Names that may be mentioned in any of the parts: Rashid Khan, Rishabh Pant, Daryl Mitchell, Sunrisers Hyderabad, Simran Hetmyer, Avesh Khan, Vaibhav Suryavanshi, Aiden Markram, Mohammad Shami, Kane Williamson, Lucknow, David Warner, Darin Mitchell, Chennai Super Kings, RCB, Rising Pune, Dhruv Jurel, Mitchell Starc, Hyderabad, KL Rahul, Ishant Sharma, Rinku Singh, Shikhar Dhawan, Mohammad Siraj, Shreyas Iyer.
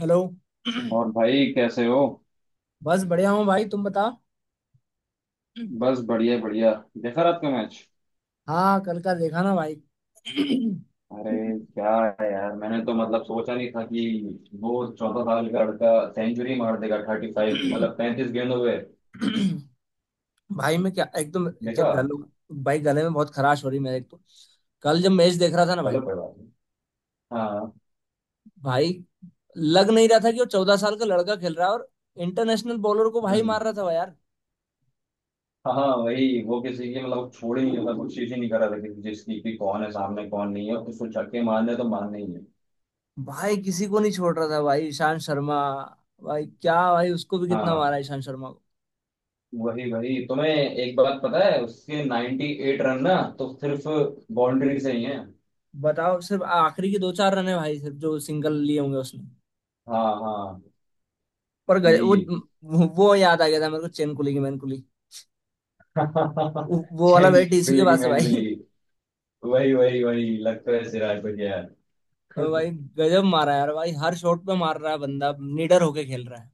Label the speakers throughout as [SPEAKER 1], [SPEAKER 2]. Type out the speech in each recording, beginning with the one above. [SPEAKER 1] Hello.
[SPEAKER 2] और भाई कैसे हो?
[SPEAKER 1] बस बढ़िया हूँ भाई, तुम बता। हम्म।
[SPEAKER 2] बस बढ़िया बढ़िया। देखा रात का मैच?
[SPEAKER 1] हाँ कल का देखा ना भाई।
[SPEAKER 2] अरे क्या है यार, मैंने तो मतलब सोचा नहीं था कि वो 14 साल का लड़का सेंचुरी मार देगा 35 मतलब 35 गेंदों पे।
[SPEAKER 1] भाई मैं क्या एकदम क्या
[SPEAKER 2] देखा?
[SPEAKER 1] गलों। भाई गले में बहुत खराश हो रही मेरे, एक तो कल जब मैच देख रहा था ना
[SPEAKER 2] चलो
[SPEAKER 1] भाई।
[SPEAKER 2] कोई बात नहीं। हाँ।
[SPEAKER 1] भाई लग नहीं रहा था कि वो 14 साल का लड़का खेल रहा है, और इंटरनेशनल बॉलर को भाई
[SPEAKER 2] हम्म,
[SPEAKER 1] मार रहा था भाई यार।
[SPEAKER 2] हाँ हाँ, वही वो किसी की मतलब छोड़ ही नहीं, मतलब कोशिश ही नहीं करा था किसी चीज की कि कौन है सामने कौन नहीं है, उसको छक्के मारने तो मारने ही है।
[SPEAKER 1] भाई किसी को नहीं छोड़ रहा था भाई, ईशांत शर्मा। भाई क्या भाई, उसको भी कितना
[SPEAKER 2] हाँ
[SPEAKER 1] मारा ईशांत शर्मा को।
[SPEAKER 2] वही वही, तुम्हें एक बात पता है उसके 98 रन ना तो सिर्फ बाउंड्री से ही है।
[SPEAKER 1] बताओ सिर्फ आखिरी के दो चार रन है भाई, सिर्फ जो सिंगल लिए होंगे उसने।
[SPEAKER 2] हाँ हाँ
[SPEAKER 1] पर गज,
[SPEAKER 2] यही है।
[SPEAKER 1] वो याद आ गया था मेरे को चेन कुली की मैन कुली। वो वाला भाई टीसी के
[SPEAKER 2] लेकिन
[SPEAKER 1] पास है
[SPEAKER 2] मैन
[SPEAKER 1] भाई।
[SPEAKER 2] बिली, वही वही वही लगता है सिराज को यार।
[SPEAKER 1] भाई गजब मारा है यार भाई, हर शॉट पे मार रहा है, बंदा निडर होके खेल रहा है।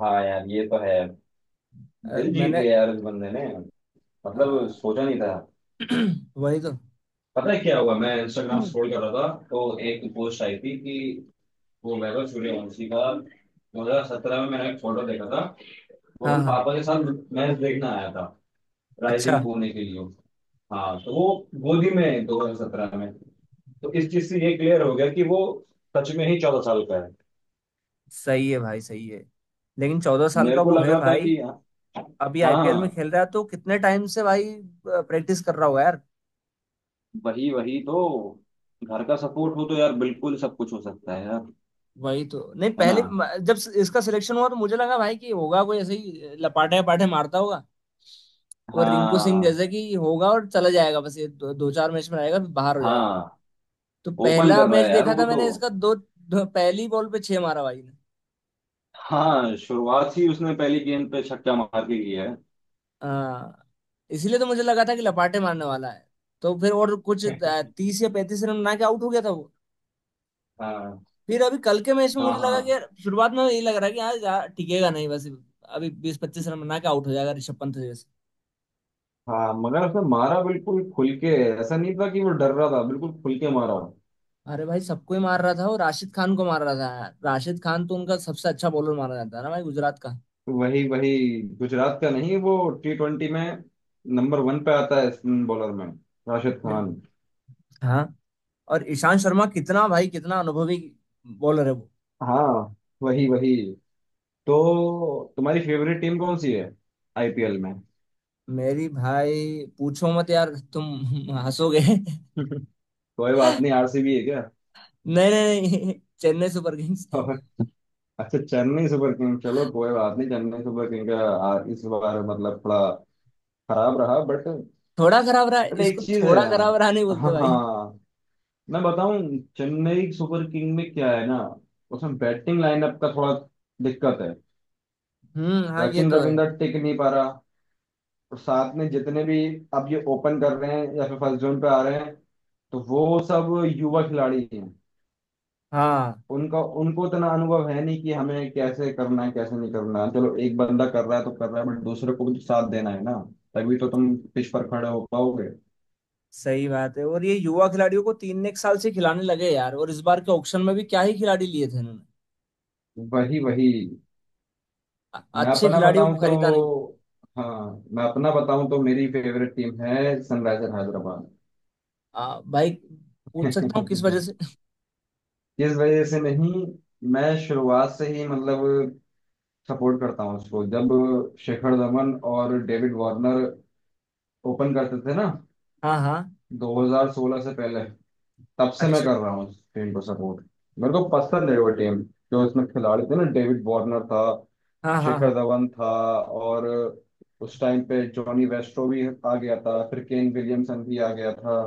[SPEAKER 2] हाँ यार ये तो है। दिल जीत
[SPEAKER 1] मैंने
[SPEAKER 2] गया यार इस बंदे ने,
[SPEAKER 1] अ,
[SPEAKER 2] मतलब सोचा नहीं था।
[SPEAKER 1] वही तो।
[SPEAKER 2] पता है क्या हुआ, मैं इंस्टाग्राम
[SPEAKER 1] हम्म।
[SPEAKER 2] स्क्रॉल कर रहा था तो एक पोस्ट आई थी कि वो वैभव सूर्यवंशी का 2017 में मैंने एक फोटो देखा था। वो
[SPEAKER 1] हाँ
[SPEAKER 2] अपने
[SPEAKER 1] हाँ।
[SPEAKER 2] पापा के साथ मैच देखने आया था,
[SPEAKER 1] अच्छा।
[SPEAKER 2] राइजिंग पुणे के लिए। हाँ तो वो गोदी में है 2017 में। तो इस चीज से ये क्लियर हो गया कि वो सच में ही 14 साल का है।
[SPEAKER 1] सही है भाई, सही है। लेकिन 14 साल
[SPEAKER 2] मेरे
[SPEAKER 1] का
[SPEAKER 2] को
[SPEAKER 1] वो
[SPEAKER 2] लग
[SPEAKER 1] है
[SPEAKER 2] रहा था
[SPEAKER 1] भाई।
[SPEAKER 2] कि
[SPEAKER 1] अभी आईपीएल में
[SPEAKER 2] हाँ
[SPEAKER 1] खेल रहा है तो कितने टाइम से भाई प्रैक्टिस कर रहा होगा यार।
[SPEAKER 2] वही वही तो, घर का सपोर्ट हो तो यार बिल्कुल सब कुछ हो सकता है यार।
[SPEAKER 1] वही तो। नहीं
[SPEAKER 2] है ना।
[SPEAKER 1] पहले जब इसका सिलेक्शन हुआ तो मुझे लगा भाई कि होगा कोई ऐसे ही लपाटे पाटे मारता होगा, और रिंकू सिंह
[SPEAKER 2] हाँ
[SPEAKER 1] जैसे कि होगा और चला जाएगा, बस ये दो चार मैच में आएगा फिर बाहर हो जाएगा।
[SPEAKER 2] हाँ।
[SPEAKER 1] तो
[SPEAKER 2] ओपन
[SPEAKER 1] पहला
[SPEAKER 2] कर रहा
[SPEAKER 1] मैच
[SPEAKER 2] है यार
[SPEAKER 1] देखा
[SPEAKER 2] वो
[SPEAKER 1] था
[SPEAKER 2] तो।
[SPEAKER 1] मैंने इसका, दो, दो पहली बॉल पे छह मारा भाई ने।
[SPEAKER 2] हाँ, शुरुआत ही उसने पहली गेंद पे छक्का मार के किया
[SPEAKER 1] हाँ, इसीलिए तो मुझे लगा था कि लपाटे मारने वाला है। तो फिर और कुछ
[SPEAKER 2] है।
[SPEAKER 1] 30 या 35 रन बना के आउट हो गया था वो।
[SPEAKER 2] हाँ
[SPEAKER 1] फिर अभी कल के मैच में
[SPEAKER 2] हाँ
[SPEAKER 1] मुझे लगा कि
[SPEAKER 2] हाँ
[SPEAKER 1] यार शुरुआत में यही लग रहा है कि यार यार टिकेगा नहीं बस, अभी 20 25 रन बना के आउट हो जाएगा ऋषभ पंत जैसे।
[SPEAKER 2] हाँ, मगर उसने मारा बिल्कुल खुल के। ऐसा नहीं था कि वो डर रहा था, बिल्कुल खुल के मारा।
[SPEAKER 1] अरे भाई सबको ही मार रहा था वो, राशिद खान को मार रहा था, राशिद खान तो उनका सबसे अच्छा बॉलर माना जाता है ना भाई, गुजरात का।
[SPEAKER 2] वही वही, गुजरात का नहीं, वो T20 में नंबर वन पे आता है स्पिन बॉलर में, राशिद खान।
[SPEAKER 1] हाँ। और ईशांत शर्मा कितना भाई, कितना अनुभवी बॉलर है वो।
[SPEAKER 2] हाँ वही वही। तो तुम्हारी फेवरेट टीम कौन सी है आईपीएल में?
[SPEAKER 1] मेरी भाई पूछो मत यार, तुम हंसोगे।
[SPEAKER 2] कोई बात नहीं, आरसीबी है क्या?
[SPEAKER 1] नहीं नहीं। नहीं। Chennai Super Kings.
[SPEAKER 2] और अच्छा, चेन्नई सुपर किंग चलो कोई बात नहीं। चेन्नई सुपर किंग का इस बार मतलब थोड़ा खराब रहा बट
[SPEAKER 1] थोड़ा खराब रहा,
[SPEAKER 2] बट एक
[SPEAKER 1] इसको
[SPEAKER 2] चीज है।
[SPEAKER 1] थोड़ा खराब रहा नहीं बोलते भाई।
[SPEAKER 2] हाँ, मैं बताऊं, चेन्नई सुपर किंग में क्या है ना, उसमें बैटिंग लाइनअप का थोड़ा दिक्कत है।
[SPEAKER 1] हम्म, हाँ ये
[SPEAKER 2] सचिन
[SPEAKER 1] तो है।
[SPEAKER 2] रविंद्र टिक नहीं पा रहा, और साथ में जितने भी अब ये ओपन कर रहे हैं या फिर फर्स्ट जोन पे आ रहे हैं तो वो सब युवा खिलाड़ी हैं।
[SPEAKER 1] हाँ
[SPEAKER 2] उनका उनको इतना अनुभव है नहीं कि हमें कैसे करना है कैसे नहीं करना है। चलो एक बंदा कर रहा है तो कर रहा है, बट दूसरे को भी तो साथ देना है ना, तभी तो तुम पिच पर खड़े हो पाओगे।
[SPEAKER 1] सही बात है, और ये युवा खिलाड़ियों को तीन एक साल से खिलाने लगे यार, और इस बार के ऑक्शन में भी क्या ही खिलाड़ी लिए थे इन्होंने,
[SPEAKER 2] वही वही। मैं
[SPEAKER 1] अच्छे
[SPEAKER 2] अपना
[SPEAKER 1] खिलाड़ियों
[SPEAKER 2] बताऊं
[SPEAKER 1] को खरीदा नहीं।
[SPEAKER 2] तो, हाँ मैं अपना बताऊं तो मेरी फेवरेट टीम है सनराइजर हैदराबाद।
[SPEAKER 1] भाई, पूछ सकता हूँ किस वजह से।
[SPEAKER 2] इस वजह से नहीं, मैं शुरुआत से ही मतलब सपोर्ट करता हूँ उसको जब शिखर धवन और डेविड वार्नर ओपन करते थे ना,
[SPEAKER 1] हाँ हाँ।
[SPEAKER 2] 2016 से पहले, तब से मैं
[SPEAKER 1] अच्छा।
[SPEAKER 2] कर रहा हूँ इस टीम को सपोर्ट। मेरे को पसंद है वो टीम, जो इसमें खिलाड़ी थे ना, डेविड वार्नर था,
[SPEAKER 1] हाँ हाँ
[SPEAKER 2] शिखर
[SPEAKER 1] हाँ।
[SPEAKER 2] धवन था, और उस टाइम पे जॉनी वेस्ट्रो भी आ गया था, फिर केन विलियमसन भी आ गया था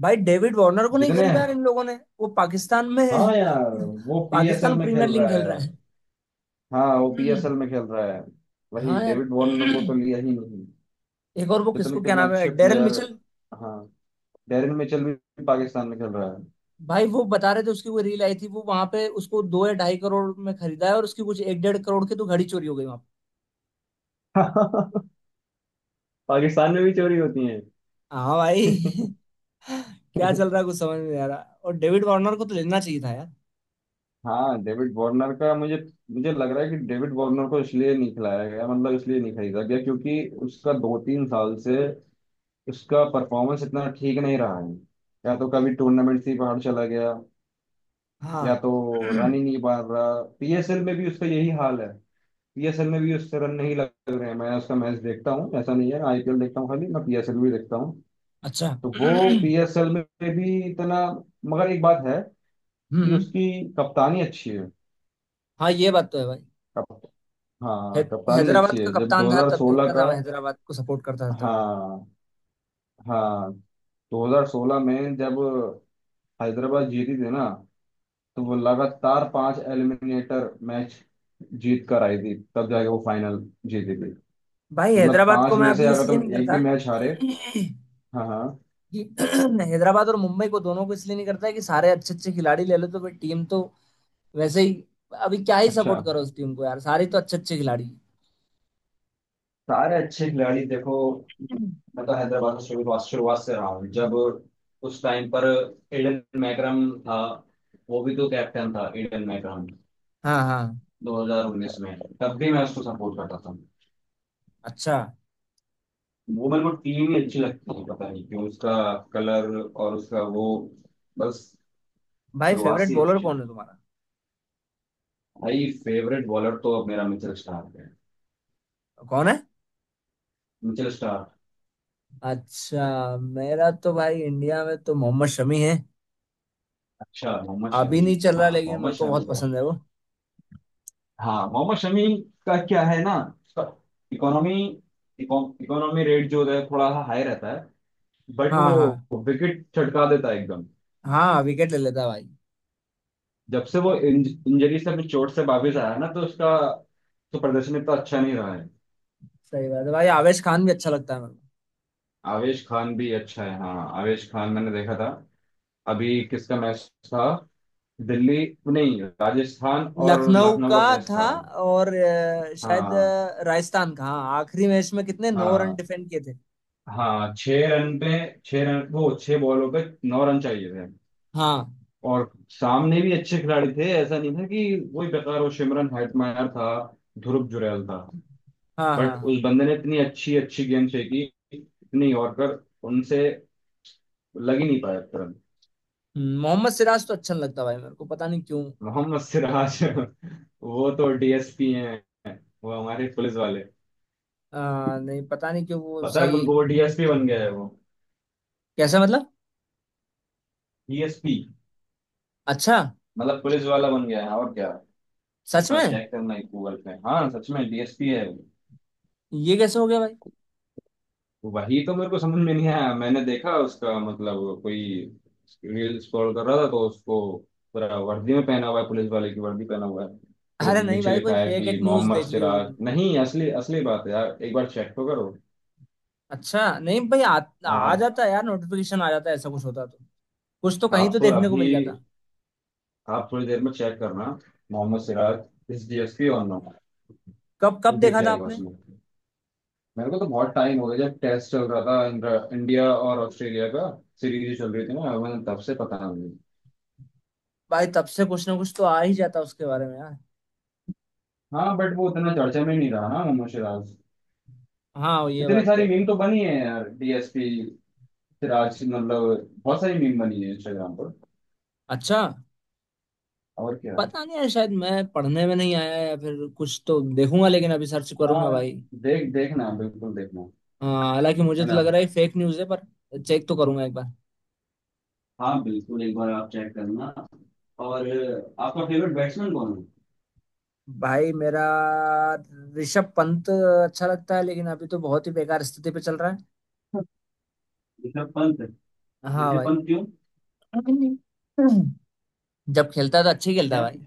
[SPEAKER 1] भाई डेविड वार्नर को नहीं
[SPEAKER 2] जितने।
[SPEAKER 1] खरीदा यार इन लोगों ने। वो पाकिस्तान में।
[SPEAKER 2] हाँ यार, वो पीएसएल
[SPEAKER 1] पाकिस्तान
[SPEAKER 2] में खेल
[SPEAKER 1] प्रीमियर लीग
[SPEAKER 2] रहा
[SPEAKER 1] खेल रहा
[SPEAKER 2] है।
[SPEAKER 1] है।
[SPEAKER 2] हाँ वो पीएसएल
[SPEAKER 1] हम्म,
[SPEAKER 2] में खेल रहा है, वही
[SPEAKER 1] हाँ यार।
[SPEAKER 2] डेविड वार्नर को तो लिया ही नहीं।
[SPEAKER 1] एक और वो
[SPEAKER 2] कितने
[SPEAKER 1] किसको, क्या
[SPEAKER 2] कितने
[SPEAKER 1] नाम है,
[SPEAKER 2] अच्छे
[SPEAKER 1] डेरल
[SPEAKER 2] प्लेयर।
[SPEAKER 1] मिचल।
[SPEAKER 2] हाँ, डेरिन मिचेल भी पाकिस्तान में खेल रहा है।
[SPEAKER 1] भाई वो बता रहे थे उसकी, वो रील आई थी, वो वहां पे उसको दो या ढाई करोड़ में खरीदा है, और उसकी कुछ एक डेढ़ करोड़ की तो घड़ी चोरी हो गई वहां पे।
[SPEAKER 2] पाकिस्तान में भी चोरी होती है?
[SPEAKER 1] हाँ भाई। क्या चल रहा है कुछ समझ में नहीं आ रहा। और डेविड वार्नर को तो लेना चाहिए था यार।
[SPEAKER 2] हाँ डेविड वार्नर का मुझे मुझे लग रहा है कि डेविड वार्नर को इसलिए नहीं खिलाया गया, मतलब इसलिए नहीं खरीदा गया क्योंकि उसका दो तीन साल से, उसका परफॉर्मेंस इतना ठीक नहीं रहा है, या तो कभी टूर्नामेंट से ही बाहर चला गया,
[SPEAKER 1] हाँ।
[SPEAKER 2] या तो रन ही नहीं मार रहा। पीएसएल में भी उसका यही हाल है, पीएसएल में भी उससे रन नहीं लग रहे हैं। मैं उसका मैच देखता हूँ, ऐसा नहीं है आईपीएल देखता हूँ खाली, मैं पीएसएल भी देखता हूँ।
[SPEAKER 1] अच्छा।
[SPEAKER 2] तो
[SPEAKER 1] हम्म।
[SPEAKER 2] वो पीएसएल में भी इतना, मगर एक बात है कि उसकी कप्तानी अच्छी
[SPEAKER 1] हाँ, ये बात तो है भाई।
[SPEAKER 2] है।
[SPEAKER 1] है,
[SPEAKER 2] हाँ कप्तानी अच्छी
[SPEAKER 1] हैदराबाद का
[SPEAKER 2] है, जब
[SPEAKER 1] कप्तान था तब
[SPEAKER 2] 2016
[SPEAKER 1] देखता
[SPEAKER 2] का,
[SPEAKER 1] था मैं, हैदराबाद को सपोर्ट करता था तब।
[SPEAKER 2] हाँ हाँ 2016 में जब हैदराबाद जीती थी ना तो वो लगातार 5 एलिमिनेटर मैच जीत कर आई थी, तब जाके वो फाइनल जीती थी।
[SPEAKER 1] भाई
[SPEAKER 2] मतलब
[SPEAKER 1] हैदराबाद को
[SPEAKER 2] पांच
[SPEAKER 1] मैं
[SPEAKER 2] में से
[SPEAKER 1] अभी
[SPEAKER 2] अगर
[SPEAKER 1] इसलिए
[SPEAKER 2] तुम
[SPEAKER 1] नहीं
[SPEAKER 2] एक
[SPEAKER 1] करता
[SPEAKER 2] भी मैच हारे।
[SPEAKER 1] कि
[SPEAKER 2] हाँ हाँ।
[SPEAKER 1] हैदराबाद और मुंबई को, दोनों को इसलिए नहीं करता कि सारे अच्छे अच्छे खिलाड़ी ले लो तो भाई टीम तो वैसे ही। अभी क्या ही
[SPEAKER 2] अच्छा,
[SPEAKER 1] सपोर्ट करो उस टीम को यार, सारे तो अच्छे अच्छे खिलाड़ी
[SPEAKER 2] सारे अच्छे खिलाड़ी देखो।
[SPEAKER 1] हैं।
[SPEAKER 2] मतलब हैदराबाद का शुरुआत शुरुआत से रहा हूँ जब उस टाइम पर एडन मैकरम था, वो भी तो कैप्टन था एडन मैकरम,
[SPEAKER 1] हाँ हाँ।
[SPEAKER 2] 2019 में, तब भी मैं उसको सपोर्ट करता था।
[SPEAKER 1] अच्छा।
[SPEAKER 2] वो मेरे को टीम ही अच्छी लगती है, पता नहीं क्यों, उसका कलर और उसका वो, बस
[SPEAKER 1] भाई
[SPEAKER 2] शुरुआत
[SPEAKER 1] फेवरेट
[SPEAKER 2] से ही
[SPEAKER 1] बॉलर
[SPEAKER 2] अच्छी
[SPEAKER 1] कौन
[SPEAKER 2] लगती
[SPEAKER 1] है तुम्हारा।
[SPEAKER 2] है। भाई फेवरेट बॉलर तो अब मेरा मिचेल स्टार्क है।
[SPEAKER 1] कौन है।
[SPEAKER 2] Mitchell Starc.
[SPEAKER 1] अच्छा, मेरा तो भाई इंडिया में तो मोहम्मद शमी है।
[SPEAKER 2] अच्छा मोहम्मद
[SPEAKER 1] अभी
[SPEAKER 2] शमी।
[SPEAKER 1] नहीं चल रहा
[SPEAKER 2] हाँ
[SPEAKER 1] लेकिन
[SPEAKER 2] मोहम्मद
[SPEAKER 1] मेरे को
[SPEAKER 2] शमी
[SPEAKER 1] बहुत
[SPEAKER 2] का,
[SPEAKER 1] पसंद है वो।
[SPEAKER 2] हाँ मोहम्मद शमी का क्या है ना, उसका इकोनॉमी, इकोनॉमी रेट जो है थोड़ा हाई रहता है, बट
[SPEAKER 1] हाँ हाँ।
[SPEAKER 2] वो विकेट छटका देता है एकदम।
[SPEAKER 1] हाँ विकेट ले लेता है भाई।
[SPEAKER 2] जब से वो इंजरी से, अपनी चोट से वापिस आया ना तो उसका तो प्रदर्शन इतना अच्छा नहीं रहा है।
[SPEAKER 1] सही बात है भाई, आवेश खान भी अच्छा लगता है मेरे
[SPEAKER 2] आवेश खान भी अच्छा है, हाँ आवेश खान मैंने देखा था, अभी किसका मैच था, दिल्ली नहीं, राजस्थान
[SPEAKER 1] को।
[SPEAKER 2] और
[SPEAKER 1] लखनऊ का
[SPEAKER 2] लखनऊ का मैच था।
[SPEAKER 1] था। और शायद
[SPEAKER 2] हाँ
[SPEAKER 1] राजस्थान का, हाँ आखिरी मैच में कितने 9 रन
[SPEAKER 2] हाँ
[SPEAKER 1] डिफेंड किए थे।
[SPEAKER 2] हाँ, 6 रन पे, 6 रन वो, 6 बॉलों पे 9 रन चाहिए थे,
[SPEAKER 1] हाँ
[SPEAKER 2] और सामने भी अच्छे खिलाड़ी थे, ऐसा नहीं था कि वही बेकार, वो सिमरन हेटमायर था, ध्रुव जुरैल था,
[SPEAKER 1] हाँ हाँ।
[SPEAKER 2] बट
[SPEAKER 1] हाँ।
[SPEAKER 2] उस बंदे ने इतनी अच्छी अच्छी गेंद फेंकी, इतनी यॉर्कर उनसे लग ही नहीं पाया तुरंत।
[SPEAKER 1] मोहम्मद सिराज तो अच्छा नहीं लगता भाई मेरे को, पता नहीं क्यों।
[SPEAKER 2] मोहम्मद सिराज वो तो डीएसपी हैं, वो हमारे पुलिस वाले।
[SPEAKER 1] नहीं, पता नहीं क्यों वो
[SPEAKER 2] पता है
[SPEAKER 1] सही।
[SPEAKER 2] तुमको वो डीएसपी बन गया है वो?
[SPEAKER 1] कैसा मतलब।
[SPEAKER 2] डीएसपी
[SPEAKER 1] अच्छा।
[SPEAKER 2] मतलब पुलिस वाला बन गया है, और क्या। एक
[SPEAKER 1] सच
[SPEAKER 2] बार
[SPEAKER 1] में।
[SPEAKER 2] चेक करना गूगल पे, हाँ सच में डीएसपी है वो।
[SPEAKER 1] ये कैसे हो गया भाई।
[SPEAKER 2] वही तो मेरे को समझ में नहीं आया, मैंने देखा उसका, मतलब कोई रील स्क्रॉल कर रहा था तो उसको, पूरा वर्दी में पहना हुआ है, पुलिस वाले की वर्दी पहना हुआ है, फिर
[SPEAKER 1] अरे नहीं
[SPEAKER 2] नीचे
[SPEAKER 1] भाई, कोई
[SPEAKER 2] लिखा है
[SPEAKER 1] फेक एक
[SPEAKER 2] कि
[SPEAKER 1] न्यूज
[SPEAKER 2] मोहम्मद
[SPEAKER 1] देख ली होगी
[SPEAKER 2] सिराज,
[SPEAKER 1] तुमने।
[SPEAKER 2] नहीं असली असली बात है यार, एक बार चेक तो करो
[SPEAKER 1] अच्छा नहीं भाई, आ
[SPEAKER 2] आप।
[SPEAKER 1] जाता है यार, नोटिफिकेशन आ जाता है, ऐसा कुछ होता तो कुछ तो कहीं तो
[SPEAKER 2] आप
[SPEAKER 1] देखने को
[SPEAKER 2] अभी,
[SPEAKER 1] मिल जाता।
[SPEAKER 2] आप थोड़ी देर में चेक करना, मोहम्मद सिराज इस डीएसपी और नो,
[SPEAKER 1] कब
[SPEAKER 2] वो
[SPEAKER 1] कब
[SPEAKER 2] दिख
[SPEAKER 1] देखा था
[SPEAKER 2] जाएगा
[SPEAKER 1] आपने।
[SPEAKER 2] उसमें। मेरे को तो बहुत टाइम हो गया, जब टेस्ट चल रहा था इंडिया और ऑस्ट्रेलिया का सीरीज चल रही थी ना, मैं तब से पता नहीं।
[SPEAKER 1] भाई तब से कुछ ना कुछ तो आ ही जाता उसके बारे में यार।
[SPEAKER 2] हाँ बट वो उतना चर्चा में नहीं रहा ना मोहम्मद सिराज।
[SPEAKER 1] हाँ, ये
[SPEAKER 2] इतनी
[SPEAKER 1] बात तो है
[SPEAKER 2] सारी मीम
[SPEAKER 1] भाई।
[SPEAKER 2] तो बनी है यार, डीएसपी सिराज, मतलब बहुत सारी मीम बनी है इंस्टाग्राम पर,
[SPEAKER 1] अच्छा।
[SPEAKER 2] और क्या।
[SPEAKER 1] पता नहीं है, शायद मैं पढ़ने में नहीं आया, या फिर कुछ तो देखूंगा लेकिन अभी सर्च करूंगा
[SPEAKER 2] हाँ
[SPEAKER 1] भाई।
[SPEAKER 2] देख, देखना बिल्कुल देखना।
[SPEAKER 1] हाँ हालांकि मुझे
[SPEAKER 2] है
[SPEAKER 1] तो
[SPEAKER 2] ना।
[SPEAKER 1] लग रहा है फेक न्यूज़ है, पर चेक तो करूंगा एक बार।
[SPEAKER 2] हाँ बिल्कुल, एक बार आप चेक करना। और आपका फेवरेट बैट्समैन कौन
[SPEAKER 1] भाई मेरा ऋषभ पंत अच्छा लगता है, लेकिन अभी तो बहुत ही बेकार स्थिति पे चल रहा है।
[SPEAKER 2] है? ऋषभ पंत?
[SPEAKER 1] हाँ
[SPEAKER 2] ऋषभ
[SPEAKER 1] भाई।
[SPEAKER 2] पंत क्यों?
[SPEAKER 1] जब खेलता है तो अच्छे खेलता है
[SPEAKER 2] क्या?
[SPEAKER 1] भाई।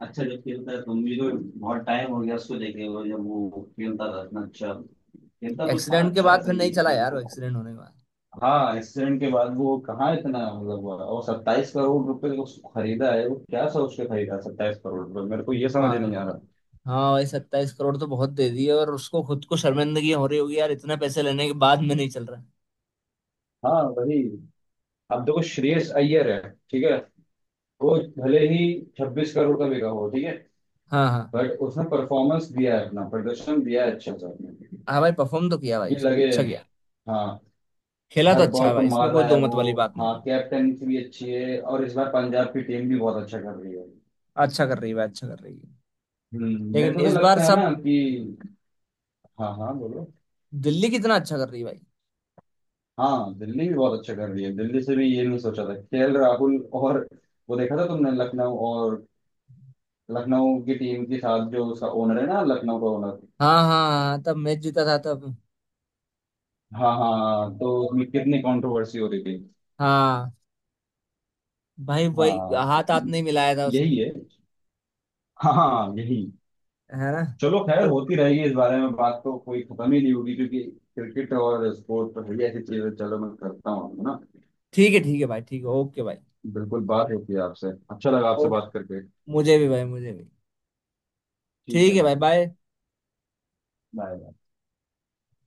[SPEAKER 2] अच्छा जब खेलता है तो, मुझे तो बहुत टाइम हो गया उसको देखे हुए, जब वो खेलता था इतना अच्छा खेलता तो था
[SPEAKER 1] एक्सीडेंट के
[SPEAKER 2] अच्छा,
[SPEAKER 1] बाद
[SPEAKER 2] ऐसा
[SPEAKER 1] फिर
[SPEAKER 2] ही नहीं
[SPEAKER 1] नहीं
[SPEAKER 2] है,
[SPEAKER 1] चला यार,
[SPEAKER 2] खेलता
[SPEAKER 1] वो
[SPEAKER 2] था।
[SPEAKER 1] एक्सीडेंट होने के बाद।
[SPEAKER 2] हाँ एक्सीडेंट के बाद वो कहाँ इतना मतलब हुआ, और 27 करोड़ रुपए को उसको खरीदा है, वो क्या सोच के खरीदा 27 करोड़ रुपए, मेरे को ये समझ
[SPEAKER 1] भाई
[SPEAKER 2] नहीं आ रहा।
[SPEAKER 1] हाँ भाई, 27 करोड़ तो बहुत दे दिए, और उसको खुद को शर्मिंदगी हो रही होगी यार, इतना पैसे लेने के बाद में नहीं चल रहा।
[SPEAKER 2] हाँ वही, अब देखो श्रेयस अय्यर है, ठीक है, वो भले ही 26 करोड़ का बिका हो ठीक है,
[SPEAKER 1] हाँ हाँ।
[SPEAKER 2] बट उसने परफॉर्मेंस दिया है, अपना प्रदर्शन दिया है अच्छा सा अपने,
[SPEAKER 1] हाँ भाई परफॉर्म तो किया भाई
[SPEAKER 2] ये
[SPEAKER 1] उसने,
[SPEAKER 2] लगे।
[SPEAKER 1] अच्छा किया।
[SPEAKER 2] हाँ
[SPEAKER 1] खेला तो
[SPEAKER 2] हर
[SPEAKER 1] अच्छा
[SPEAKER 2] बॉल
[SPEAKER 1] है
[SPEAKER 2] पर
[SPEAKER 1] भाई, इसमें
[SPEAKER 2] मार
[SPEAKER 1] कोई
[SPEAKER 2] रहा है
[SPEAKER 1] दो मत
[SPEAKER 2] वो।
[SPEAKER 1] वाली बात नहीं
[SPEAKER 2] हाँ
[SPEAKER 1] है।
[SPEAKER 2] कैप्टनसी भी अच्छी है, और इस बार पंजाब की टीम भी बहुत अच्छा कर रही है।
[SPEAKER 1] अच्छा कर रही है भाई, अच्छा कर रही है।
[SPEAKER 2] मेरे
[SPEAKER 1] लेकिन
[SPEAKER 2] को तो
[SPEAKER 1] इस बार
[SPEAKER 2] लगता है ना
[SPEAKER 1] सब,
[SPEAKER 2] कि, हाँ हाँ बोलो।
[SPEAKER 1] दिल्ली कितना अच्छा कर रही है भाई।
[SPEAKER 2] हाँ दिल्ली भी बहुत अच्छा कर रही है, दिल्ली से भी ये नहीं सोचा था, केएल राहुल और, वो देखा था तुमने लखनऊ और, लखनऊ की टीम के साथ जो उसका ओनर है ना, लखनऊ का ओनर,
[SPEAKER 1] हाँ हाँ हाँ, तब मैच जीता था तब।
[SPEAKER 2] हाँ हाँ तो उसमें कितनी कंट्रोवर्सी हो रही थी।
[SPEAKER 1] हाँ भाई, वही
[SPEAKER 2] हाँ
[SPEAKER 1] हाथ हाथ नहीं मिलाया था उसने।
[SPEAKER 2] यही है, हाँ हाँ, यही।
[SPEAKER 1] है ना।
[SPEAKER 2] चलो खैर,
[SPEAKER 1] और,
[SPEAKER 2] होती रहेगी, इस बारे में बात तो कोई खत्म ही नहीं होगी, क्योंकि क्रिकेट और स्पोर्ट तो है ही ऐसी चीज, है चलो मैं करता हूँ, है ना।
[SPEAKER 1] ठीक है भाई, ठीक है, ओके भाई।
[SPEAKER 2] बिल्कुल, बात होती है आपसे, अच्छा लगा आपसे
[SPEAKER 1] ओके।
[SPEAKER 2] बात करके।
[SPEAKER 1] मुझे भी भाई, मुझे भी।
[SPEAKER 2] ठीक है
[SPEAKER 1] ठीक है भाई।
[SPEAKER 2] भाई,
[SPEAKER 1] बाय।
[SPEAKER 2] बाय।